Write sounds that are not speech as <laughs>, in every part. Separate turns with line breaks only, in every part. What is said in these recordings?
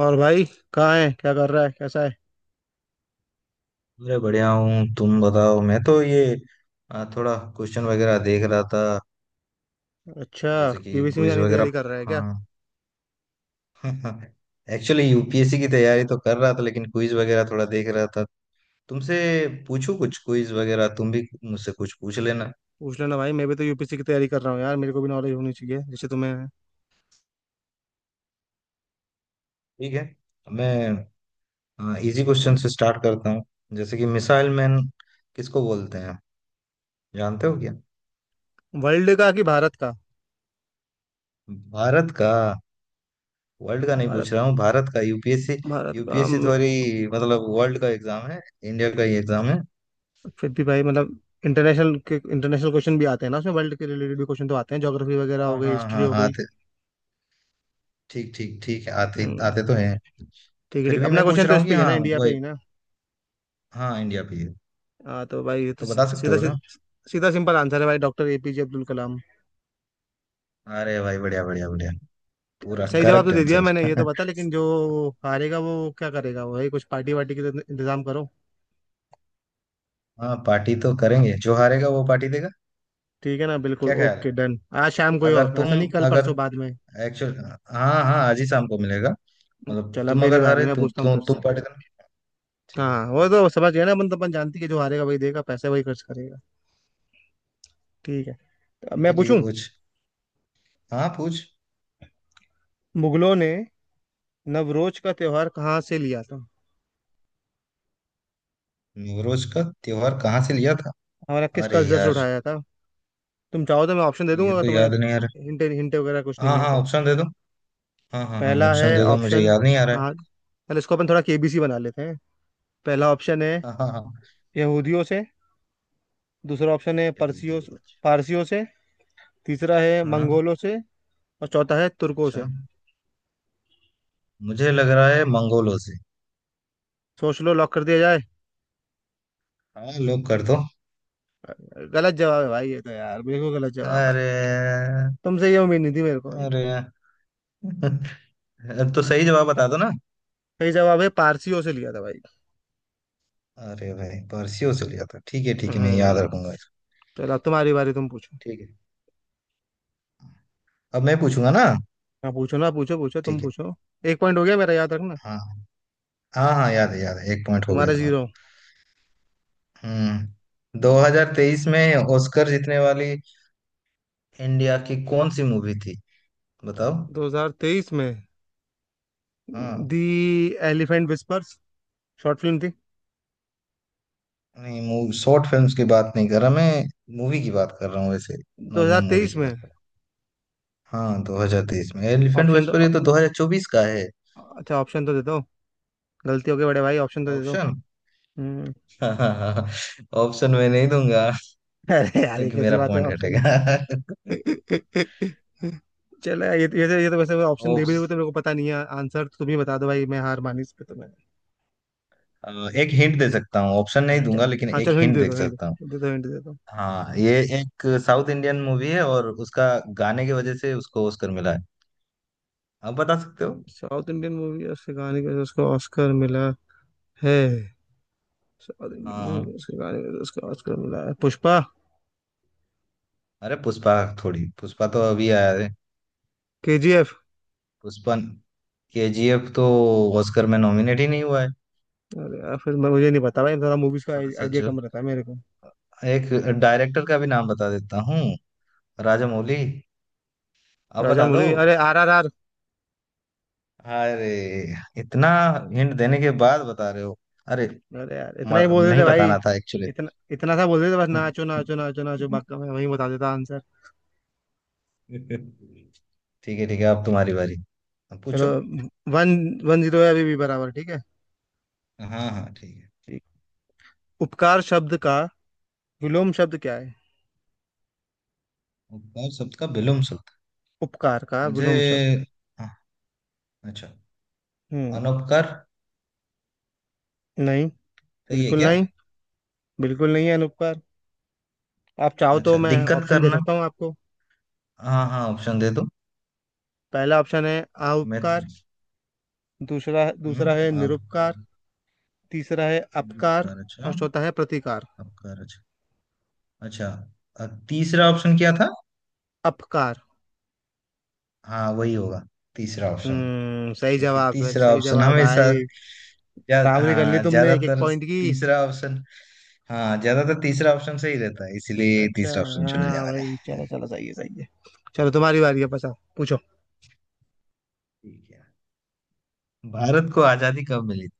और भाई, कहाँ है, क्या कर रहा है, कैसा है?
अरे बढ़िया हूँ। तुम बताओ। मैं तो ये थोड़ा क्वेश्चन वगैरह देख रहा था।
अच्छा,
जैसे कि
केबीसी में
क्विज
जाने की
वगैरह।
तैयारी कर रहा है क्या?
हाँ। <laughs> एक्चुअली यूपीएससी की तैयारी तो कर रहा था, लेकिन क्विज वगैरह थोड़ा देख रहा था। तुमसे पूछूं कुछ क्विज वगैरह, तुम भी मुझसे कुछ पूछ लेना।
पूछ लेना भाई। मैं भी तो यूपीसी की तैयारी कर रहा हूँ यार, मेरे को भी नॉलेज होनी चाहिए जैसे तुम्हें है।
ठीक है, मैं इजी क्वेश्चन से स्टार्ट करता हूँ। जैसे कि मिसाइल मैन किसको बोलते हैं? जानते हो क्या?
वर्ल्ड का कि भारत का?
भारत का। वर्ल्ड का नहीं
भारत
पूछ रहा हूँ, भारत का। यूपीएससी,
भारत का
यूपीएससी थोड़ी मतलब वर्ल्ड का एग्जाम है। इंडिया का ही एग्जाम है।
फिर भी भाई, मतलब इंटरनेशनल क्वेश्चन भी आते हैं ना, उसमें वर्ल्ड के रिलेटेड भी क्वेश्चन तो आते हैं। ज्योग्राफी वगैरह हो
हाँ
गई,
हाँ
हिस्ट्री
हाँ,
हो गई।
आते। ठीक ठीक ठीक है, आते
हम्म।
आते तो हैं।
ठीक है
फिर
ठीक,
भी
अपना
मैं पूछ
क्वेश्चन तो
रहा
इस
हूँ कि
पे ही है ना,
हाँ,
इंडिया पे
वही।
ही ना।
हाँ, इंडिया पे ही है।
हाँ तो भाई, ये तो
तो बता सकते हो ना।
सीधा सिंपल आंसर है भाई, डॉक्टर एपीजे अब्दुल कलाम।
अरे भाई, बढ़िया बढ़िया बढ़िया। पूरा
सही जवाब तो
करेक्ट
दे दिया मैंने, ये तो
आंसर।
बता,
<laughs>
लेकिन जो हारेगा वो क्या करेगा, वही कुछ पार्टी वार्टी की इंतजाम करो।
हाँ, पार्टी तो करेंगे। जो हारेगा वो पार्टी देगा।
ठीक है ना, बिल्कुल
क्या ख्याल
ओके
है?
डन। आज शाम, कोई
अगर
और
तुम,
ऐसा नहीं, कल
अगर,
परसों बाद में।
एक्चुअल, हाँ हाँ, आज ही शाम को मिलेगा। मतलब
चल अब
तुम
मेरी
अगर
बारी,
हारे,
मैं पूछता हूँ तेरे
तुम
से।
पार्टी देना। ठीक है,
हाँ वो
पूछ।
तो समझ गया ना अपन, तो अपन जानती है कि जो हारेगा वही देगा, पैसे वही खर्च करेगा। ठीक है, तो अब
ठीक
मैं
है ठीक है,
पूछूं।
पूछ। हाँ पूछ।
मुगलों ने नवरोज का त्योहार कहाँ से लिया था,
नवरोज का त्योहार कहाँ से लिया था?
हमारा किस
अरे
कल्चर से
यार,
उठाया था? तुम चाहो तो मैं ऑप्शन दे दूंगा,
ये
अगर
तो
तुम्हें
याद नहीं आ रहा।
हिंटे हिंटे वगैरह कुछ
हाँ
नहीं है
हाँ,
तो।
ऑप्शन दे दो। हाँ हाँ हाँ,
पहला
ऑप्शन
है
दे दो, मुझे
ऑप्शन,
याद नहीं आ रहा है।
हाँ। चल इसको अपन थोड़ा केबीसी बना लेते हैं। पहला ऑप्शन है
हाँ हाँ हाँ।
यहूदियों से। दूसरा ऑप्शन है
यहूदी
परसियों
वॉच।
पारसियों से। तीसरा है
हाँ।
मंगोलों से। और चौथा है तुर्कों
अच्छा,
से।
मुझे लग रहा है मंगोलों से।
सोच लो, लॉक कर दिया जाए।
हाँ, लोग कर दो।
गलत जवाब है भाई, ये तो यार, मेरे को गलत जवाब भाई,
अरे।
तुमसे ये उम्मीद नहीं थी मेरे को भाई।
अरे। <laughs> अब तो सही जवाब बता दो ना।
सही जवाब है, पारसियों से लिया था भाई।
अरे भाई, पारसियों से लिया था, ठीक है ठीक है, मैं याद
हम्म।
रखूंगा इसको।
चलो, अब तुम्हारी बारी, तुम पूछो।
ठीक है, अब मैं पूछूंगा ना।
हाँ पूछो ना, पूछो पूछो, तुम
ठीक है।
पूछो। एक पॉइंट हो गया मेरा, याद रखना।
हाँ हाँ हाँ, याद है याद है, एक पॉइंट हो गया
तुम्हारा
तुम्हारा।
जीरो।
हम्म, 2023 में ऑस्कर जीतने वाली इंडिया की कौन सी मूवी थी? बताओ।
2023 में
हाँ।
The elephant whispers short film थी।
नहीं, मूवी, शॉर्ट फिल्म्स की बात नहीं कर रहा मैं। मूवी की बात कर रहा हूँ। वैसे नॉर्मल मूवी
2023
की
में?
बात कर रहा हूँ। हाँ, 2023 में, एलिफेंट
ऑप्शन
व्हिस्परर
तो,
ये तो 2024 का है।
अच्छा ऑप्शन तो दे दो। गलती हो गई बड़े भाई, ऑप्शन तो दे दो।
ऑप्शन।
हम्म।
<laughs> ऑप्शन मैं नहीं दूंगा
<laughs> अरे यार, ये
क्योंकि
कैसी
मेरा
बात है,
पॉइंट
ऑप्शन?
घटेगा। <laughs>
चलो यार, <laughs> ये तो वैसे ऑप्शन दे भी
ऑप्स-
दोगे तो मेरे को पता नहीं है आंसर, तो तुम ही बता दो भाई, मैं हार मानी इस पे, तो मैं।
एक हिंट दे सकता हूँ। ऑप्शन नहीं
हाँ चल,
दूंगा, लेकिन
हाँ
एक
चलो, हिंट
हिंट
दे
दे
दो, हिंट
सकता।
दे दो, हिंट दे दो।
हाँ ये, एक साउथ इंडियन मूवी है और उसका गाने की वजह से उसको ऑस्कर मिला है। आप बता सकते हो।
साउथ इंडियन मूवी और उसके गाने के वजह से उसको ऑस्कर मिला है? साउथ इंडियन
हाँ
मूवी और
हाँ।
उसके गाने के वजह से उसको ऑस्कर मिला है, पुष्पा।
अरे, पुष्पा थोड़ी। पुष्पा तो अभी आया है।
केजीएफ?
पुष्पा, केजीएफ तो ऑस्कर में नॉमिनेट ही नहीं हुआ है।
अरे यार, फिर मैं मुझे नहीं पता भाई, थोड़ा मूवीज का
थोड़ा
आइडिया
सोचो।
कम रहता है मेरे को।
एक डायरेक्टर का भी नाम बता देता हूँ। राजामौली। आप
राजा
बता दो।
मौली, अरे, RRR।
अरे, इतना हिंट देने के बाद बता रहे हो। अरे,
अरे यार, इतना ही बोल
नहीं
देते भाई,
बताना था एक्चुअली।
इतना इतना सा बोल देते, बस नाचो
<laughs>
नाचो नाचो नाचो, बाकी मैं वही बता देता आंसर।
ठीक है ठीक है, अब तुम्हारी बारी। अब
चलो,
पूछो।
वन वन जीरो है, अभी भी बराबर, ठीक है,
हाँ हाँ हाँ, ठीक है।
ठीक। उपकार शब्द का विलोम शब्द क्या है?
उपकार शब्द का विलोम शब्द।
उपकार का
मुझे,
विलोम शब्द?
हाँ, अच्छा,
हम्म,
अनउपकार।
नहीं।
सही है
बिल्कुल
क्या?
नहीं, बिल्कुल नहीं है अनुपकार। आप चाहो तो
अच्छा,
मैं
दिक्कत
ऑप्शन दे
करना।
सकता हूँ आपको।
हाँ हाँ, ऑप्शन दे दो।
पहला ऑप्शन है
मैं।
आउपकार। दूसरा दूसरा
हम्म,
है
आप।
निरुपकार। तीसरा है अपकार।
उपकार, अच्छा।
और चौथा है प्रतिकार।
अपकार, अच्छा। अच्छा, तीसरा ऑप्शन क्या था?
अपकार?
हाँ, वही होगा। तीसरा ऑप्शन।
हम्म, सही
क्योंकि
जवाब है,
तीसरा
सही
ऑप्शन
जवाब
हमेशा
भाई। बराबरी कर ली
हाँ,
तुमने, एक एक
ज्यादातर
पॉइंट की।
तीसरा ऑप्शन। हाँ, ज्यादातर तीसरा ऑप्शन सही रहता है, इसीलिए
अच्छा,
तीसरा ऑप्शन चुन लिया
हाँ
मैंने।
भाई, चलो
<laughs>
चलो, सही है, सही है। चलो, तुम्हारी बारी है, पचा पूछो।
ठीक है। भारत को आजादी कब मिली थी?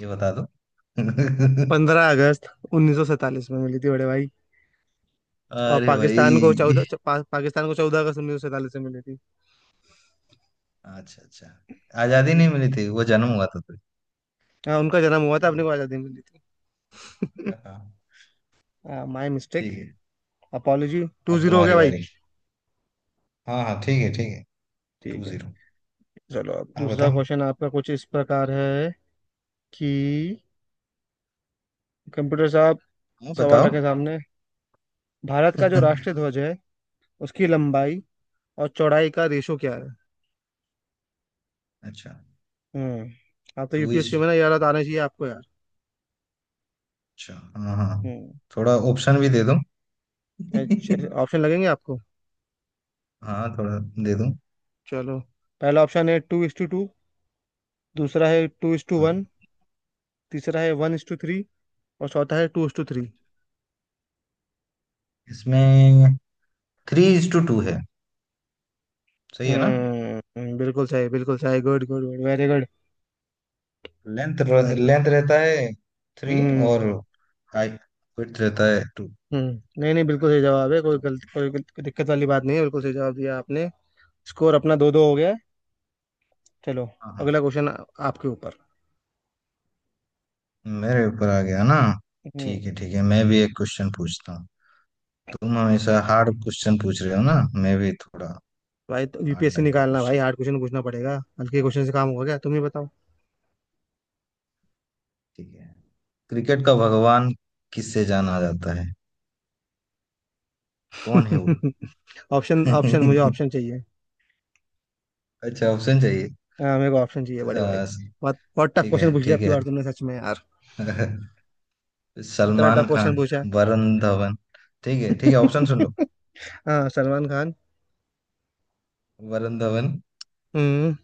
ये बता दो। <laughs>
15 अगस्त 1947 में मिली थी बड़े भाई। और
अरे भाई।
पाकिस्तान को 14 अगस्त 1947 में मिली थी।
अच्छा अच्छा। आजादी नहीं
हम्म,
मिली थी, वो जन्म हुआ था तुझे।
हाँ, उनका जन्म हुआ था,
ठीक
अपने
है।
को आजादी मिली थी।
हाँ।
<laughs> माई मिस्टेक,
ठीक है,
अपॉलोजी। टू
अब
जीरो हो
तुम्हारी
गया भाई।
बारी। हाँ हाँ ठीक है ठीक है। टू
ठीक है।
जीरो।
चलो, अब
हाँ
दूसरा
बताओ।
क्वेश्चन आपका कुछ इस प्रकार है कि, कंप्यूटर साहब
हाँ
सवाल
बताओ।
रखे सामने, भारत का जो राष्ट्रीय
<laughs>
ध्वज है उसकी लंबाई और चौड़ाई का रेशो क्या है?
अच्छा,
हम्म, आप तो
टू इस,
यूपीएससी में ना यार, आना चाहिए आपको यार।
अच्छा हाँ हाँ।
हम्म,
थोड़ा ऑप्शन भी दे दो।
अच्छा,
<laughs>
ऑप्शन लगेंगे आपको?
हाँ, थोड़ा दे दो।
चलो। पहला ऑप्शन है 2:2। दूसरा है टू इज टू
हाँ।
वन तीसरा है 1:3। और चौथा है 2:3।
इसमें थ्री इज टू टू है। सही है ना?
हम्म, बिल्कुल सही, बिल्कुल सही, good good good, very good,
length.
Very good.
Length रहता है थ्री
हम्म।
और हाइट, विड्थ रहता है टू।
हम्म, नहीं नहीं, बिल्कुल सही जवाब है, कोई
तो।
गलत, दिक्कत वाली बात नहीं है, बिल्कुल सही जवाब दिया आपने। स्कोर अपना 2-2 हो गया है। चलो,
हाँ हाँ।
अगला क्वेश्चन आपके ऊपर।
मेरे ऊपर आ गया ना। ठीक
हम्म।
है ठीक है, मैं भी एक क्वेश्चन पूछता हूँ। तुम हमेशा हार्ड क्वेश्चन पूछ रहे हो ना, मैं भी थोड़ा
भाई, तो
हार्ड
यूपीएससी
टाइप का
निकालना भाई,
क्वेश्चन।
हार्ड क्वेश्चन पूछना पड़ेगा। हल्के क्वेश्चन से काम होगा क्या, तुम ही बताओ।
ठीक है। क्रिकेट का भगवान किससे जाना जाता है? कौन है वो?
<laughs> ऑप्शन
<laughs>
ऑप्शन, मुझे ऑप्शन चाहिए।
अच्छा, ऑप्शन चाहिए।
हाँ, मेरे को ऑप्शन चाहिए बड़े भाई।
अ,
बहुत बहुत टफ
ठीक है
क्वेश्चन पूछ लिया
ठीक
आपकी
है।
बार, तुमने सच में यार,
<laughs>
इतना
सलमान
टफ क्वेश्चन
खान,
पूछा।
वरुण धवन, ठीक है ठीक है, ऑप्शन सुन लो।
<laughs> हाँ, सलमान खान।
वरुण धवन,
हम्म।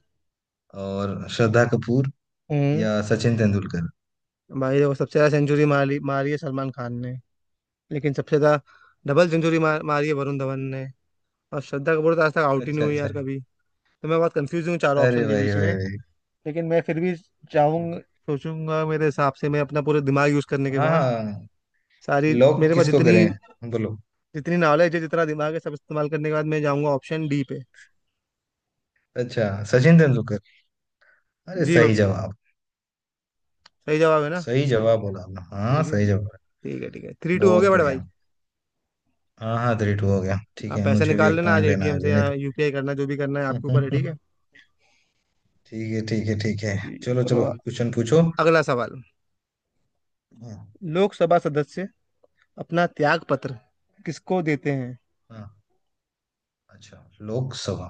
और श्रद्धा कपूर,
हम्म।
या सचिन तेंदुलकर।
भाई देखो, सबसे ज्यादा सेंचुरी मारी मारी है सलमान खान ने। लेकिन सबसे ज्यादा डबल सेंचुरी मारी है वरुण धवन ने। और श्रद्धा कपूर तो आज तक आउट ही नहीं
अच्छा
हुई
अच्छा।
यार कभी। तो मैं बहुत कंफ्यूज हूँ चारों
अरे
ऑप्शन के
भाई
बीच में।
भाई भाई।
लेकिन मैं फिर भी चाहूंगा, सोचूंगा मेरे हिसाब से, मैं अपना पूरा दिमाग यूज करने के
हाँ
बाद,
हाँ,
सारी,
लॉक
मेरे पास
किसको
जितनी
करें? बोलो।
जितनी नॉलेज है, जितना दिमाग है, सब इस्तेमाल करने के बाद मैं जाऊंगा ऑप्शन डी पे।
अच्छा, सचिन तेंदुलकर। अरे,
जी।
सही जवाब।
सही जवाब है ना?
सही जवाब बोला आपने।
जी
हाँ,
जी।
सही जवाब।
ठीक है ठीक है, 3-2 हो गया
बहुत
बड़े भाई।
बढ़िया। हाँ हाँ, थ्री टू हो गया। ठीक
आप
है,
पैसे
मुझे भी
निकाल
एक
लेना आज
पॉइंट लेना है,
एटीएम से
अभी नहीं
या यूपीआई करना, जो भी करना है आपके
तो।
ऊपर है, ठीक है।
<laughs> ठीक है ठीक है ठीक है।
ठीक है,
चलो
चलो,
चलो, क्वेश्चन पूछो।
अगला सवाल।
हाँ।
लोकसभा सदस्य अपना त्याग पत्र किसको देते हैं?
हाँ, अच्छा। लोकसभा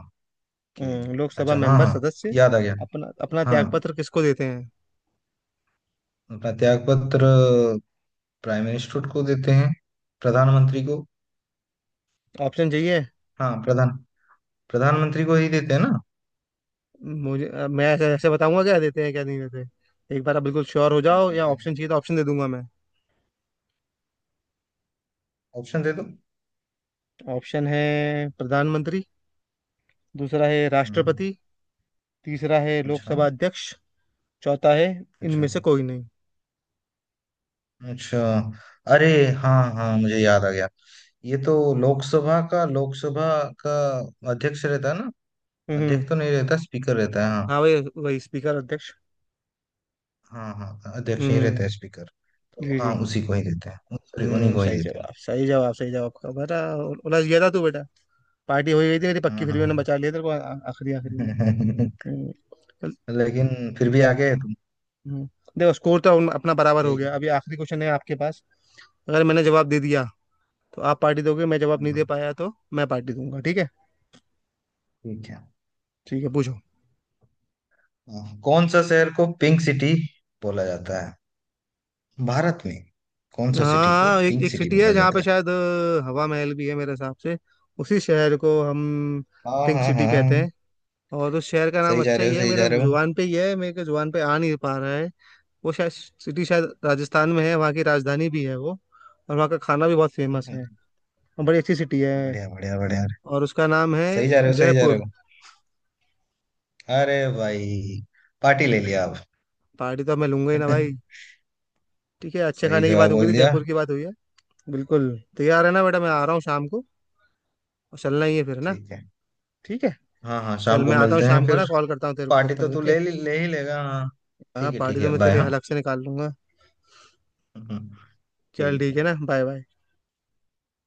के।
लोकसभा
अच्छा हाँ
मेंबर
हाँ,
सदस्य
याद आ गया।
अपना अपना
हाँ।
त्याग पत्र किसको देते हैं?
अपना त्याग पत्र प्राइम मिनिस्टर को देते हैं, प्रधानमंत्री को।
ऑप्शन चाहिए?
हाँ, प्रधान, प्रधानमंत्री को ही देते हैं ना?
मैं ऐसे ऐसे बताऊंगा क्या देते हैं क्या नहीं देते, एक बार आप बिल्कुल श्योर हो जाओ, या ऑप्शन चाहिए तो ऑप्शन दे दूंगा मैं।
ऑप्शन दे दो।
ऑप्शन है प्रधानमंत्री। दूसरा है
हाँ।
राष्ट्रपति। तीसरा है
अच्छा।
लोकसभा अध्यक्ष। चौथा है
अच्छा।
इनमें से कोई नहीं।
अच्छा। अरे। हाँ हाँ, मुझे याद आ गया। ये तो लोकसभा का, लोकसभा का अध्यक्ष रहता है ना।
हम्म,
अध्यक्ष तो नहीं रहता, स्पीकर रहता है, हाँ।
हाँ, वही वही, स्पीकर, अध्यक्ष।
हाँ हाँ, अध्यक्ष ही रहता
हम्म,
है, स्पीकर। तो
जी
हाँ,
जी।
उसी को ही देते हैं, सॉरी, उन्हीं
हम्म,
को ही
सही
देते हैं।
जवाब, सही जवाब, सही जवाब आपका बेटा। उलझ गया था तू बेटा। पार्टी हो ही गई थी मेरी पक्की,
हाँ
फिर भी
हाँ।
मैंने बचा लिया तेरे को आखिरी आखिरी में।
<laughs>
हम्म।
लेकिन फिर भी आगे है तुम।
हम्म। देखो, स्कोर तो अपना बराबर हो
यही।
गया, अभी आखिरी क्वेश्चन है आपके पास। अगर मैंने जवाब दे दिया तो आप पार्टी दोगे, मैं जवाब
हाँ
नहीं दे
हाँ
पाया तो मैं पार्टी दूंगा, ठीक है।
ठीक है।
ठीक है, पूछो।
हाँ, कौन सा शहर को पिंक सिटी बोला जाता है? भारत में कौन सा
हाँ
सिटी को
हाँ, एक,
पिंक
एक
सिटी
सिटी है
बोला
जहाँ
जाता
पे
है?
शायद हवा महल भी है मेरे हिसाब से, उसी शहर को हम
हाँ
पिंक
हाँ
सिटी
हाँ
कहते
हाँ।
हैं। और उस शहर का नाम
सही जा
अच्छा
रहे
ही
हो,
है,
सही
मेरे
जा रहे हो।
जुबान पे ही है, मेरे को जुबान पे आ नहीं पा रहा है। वो शायद सिटी शायद राजस्थान में है, वहाँ की राजधानी भी है वो। और वहाँ का खाना भी बहुत फेमस है,
<laughs>
और बड़ी अच्छी सिटी है।
बढ़िया बढ़िया बढ़िया।
और उसका नाम है
सही जा रहे हो, सही जा रहे
जयपुर।
हो। अरे भाई, पार्टी ले लिया आप।
पार्टी तो अब मैं लूंगा ही ना भाई।
<laughs>
ठीक है, अच्छे
सही
खाने की बात
जवाब
हो गई थी,
बोल दिया।
जयपुर की बात हुई है। बिल्कुल। तैयार है ना बेटा, मैं आ रहा हूँ शाम को। और चलना ही है फिर ना।
ठीक है,
ठीक है।
हाँ हाँ,
चल
शाम को
मैं आता हूँ
मिलते
शाम
हैं
को
फिर।
ना, कॉल करता हूँ तेरे को तब
पार्टी तो
तक,
तू
ओके।
ले ले ही लेगा, हाँ।
हाँ,
ठीक है ठीक
पार्टी तो
है,
मैं
बाय,
तेरे
हाँ।
हलक से निकाल लूंगा।
<laughs>
चल
ठीक
ठीक है
है,
ना, बाय बाय।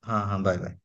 हाँ हाँ, बाय बाय।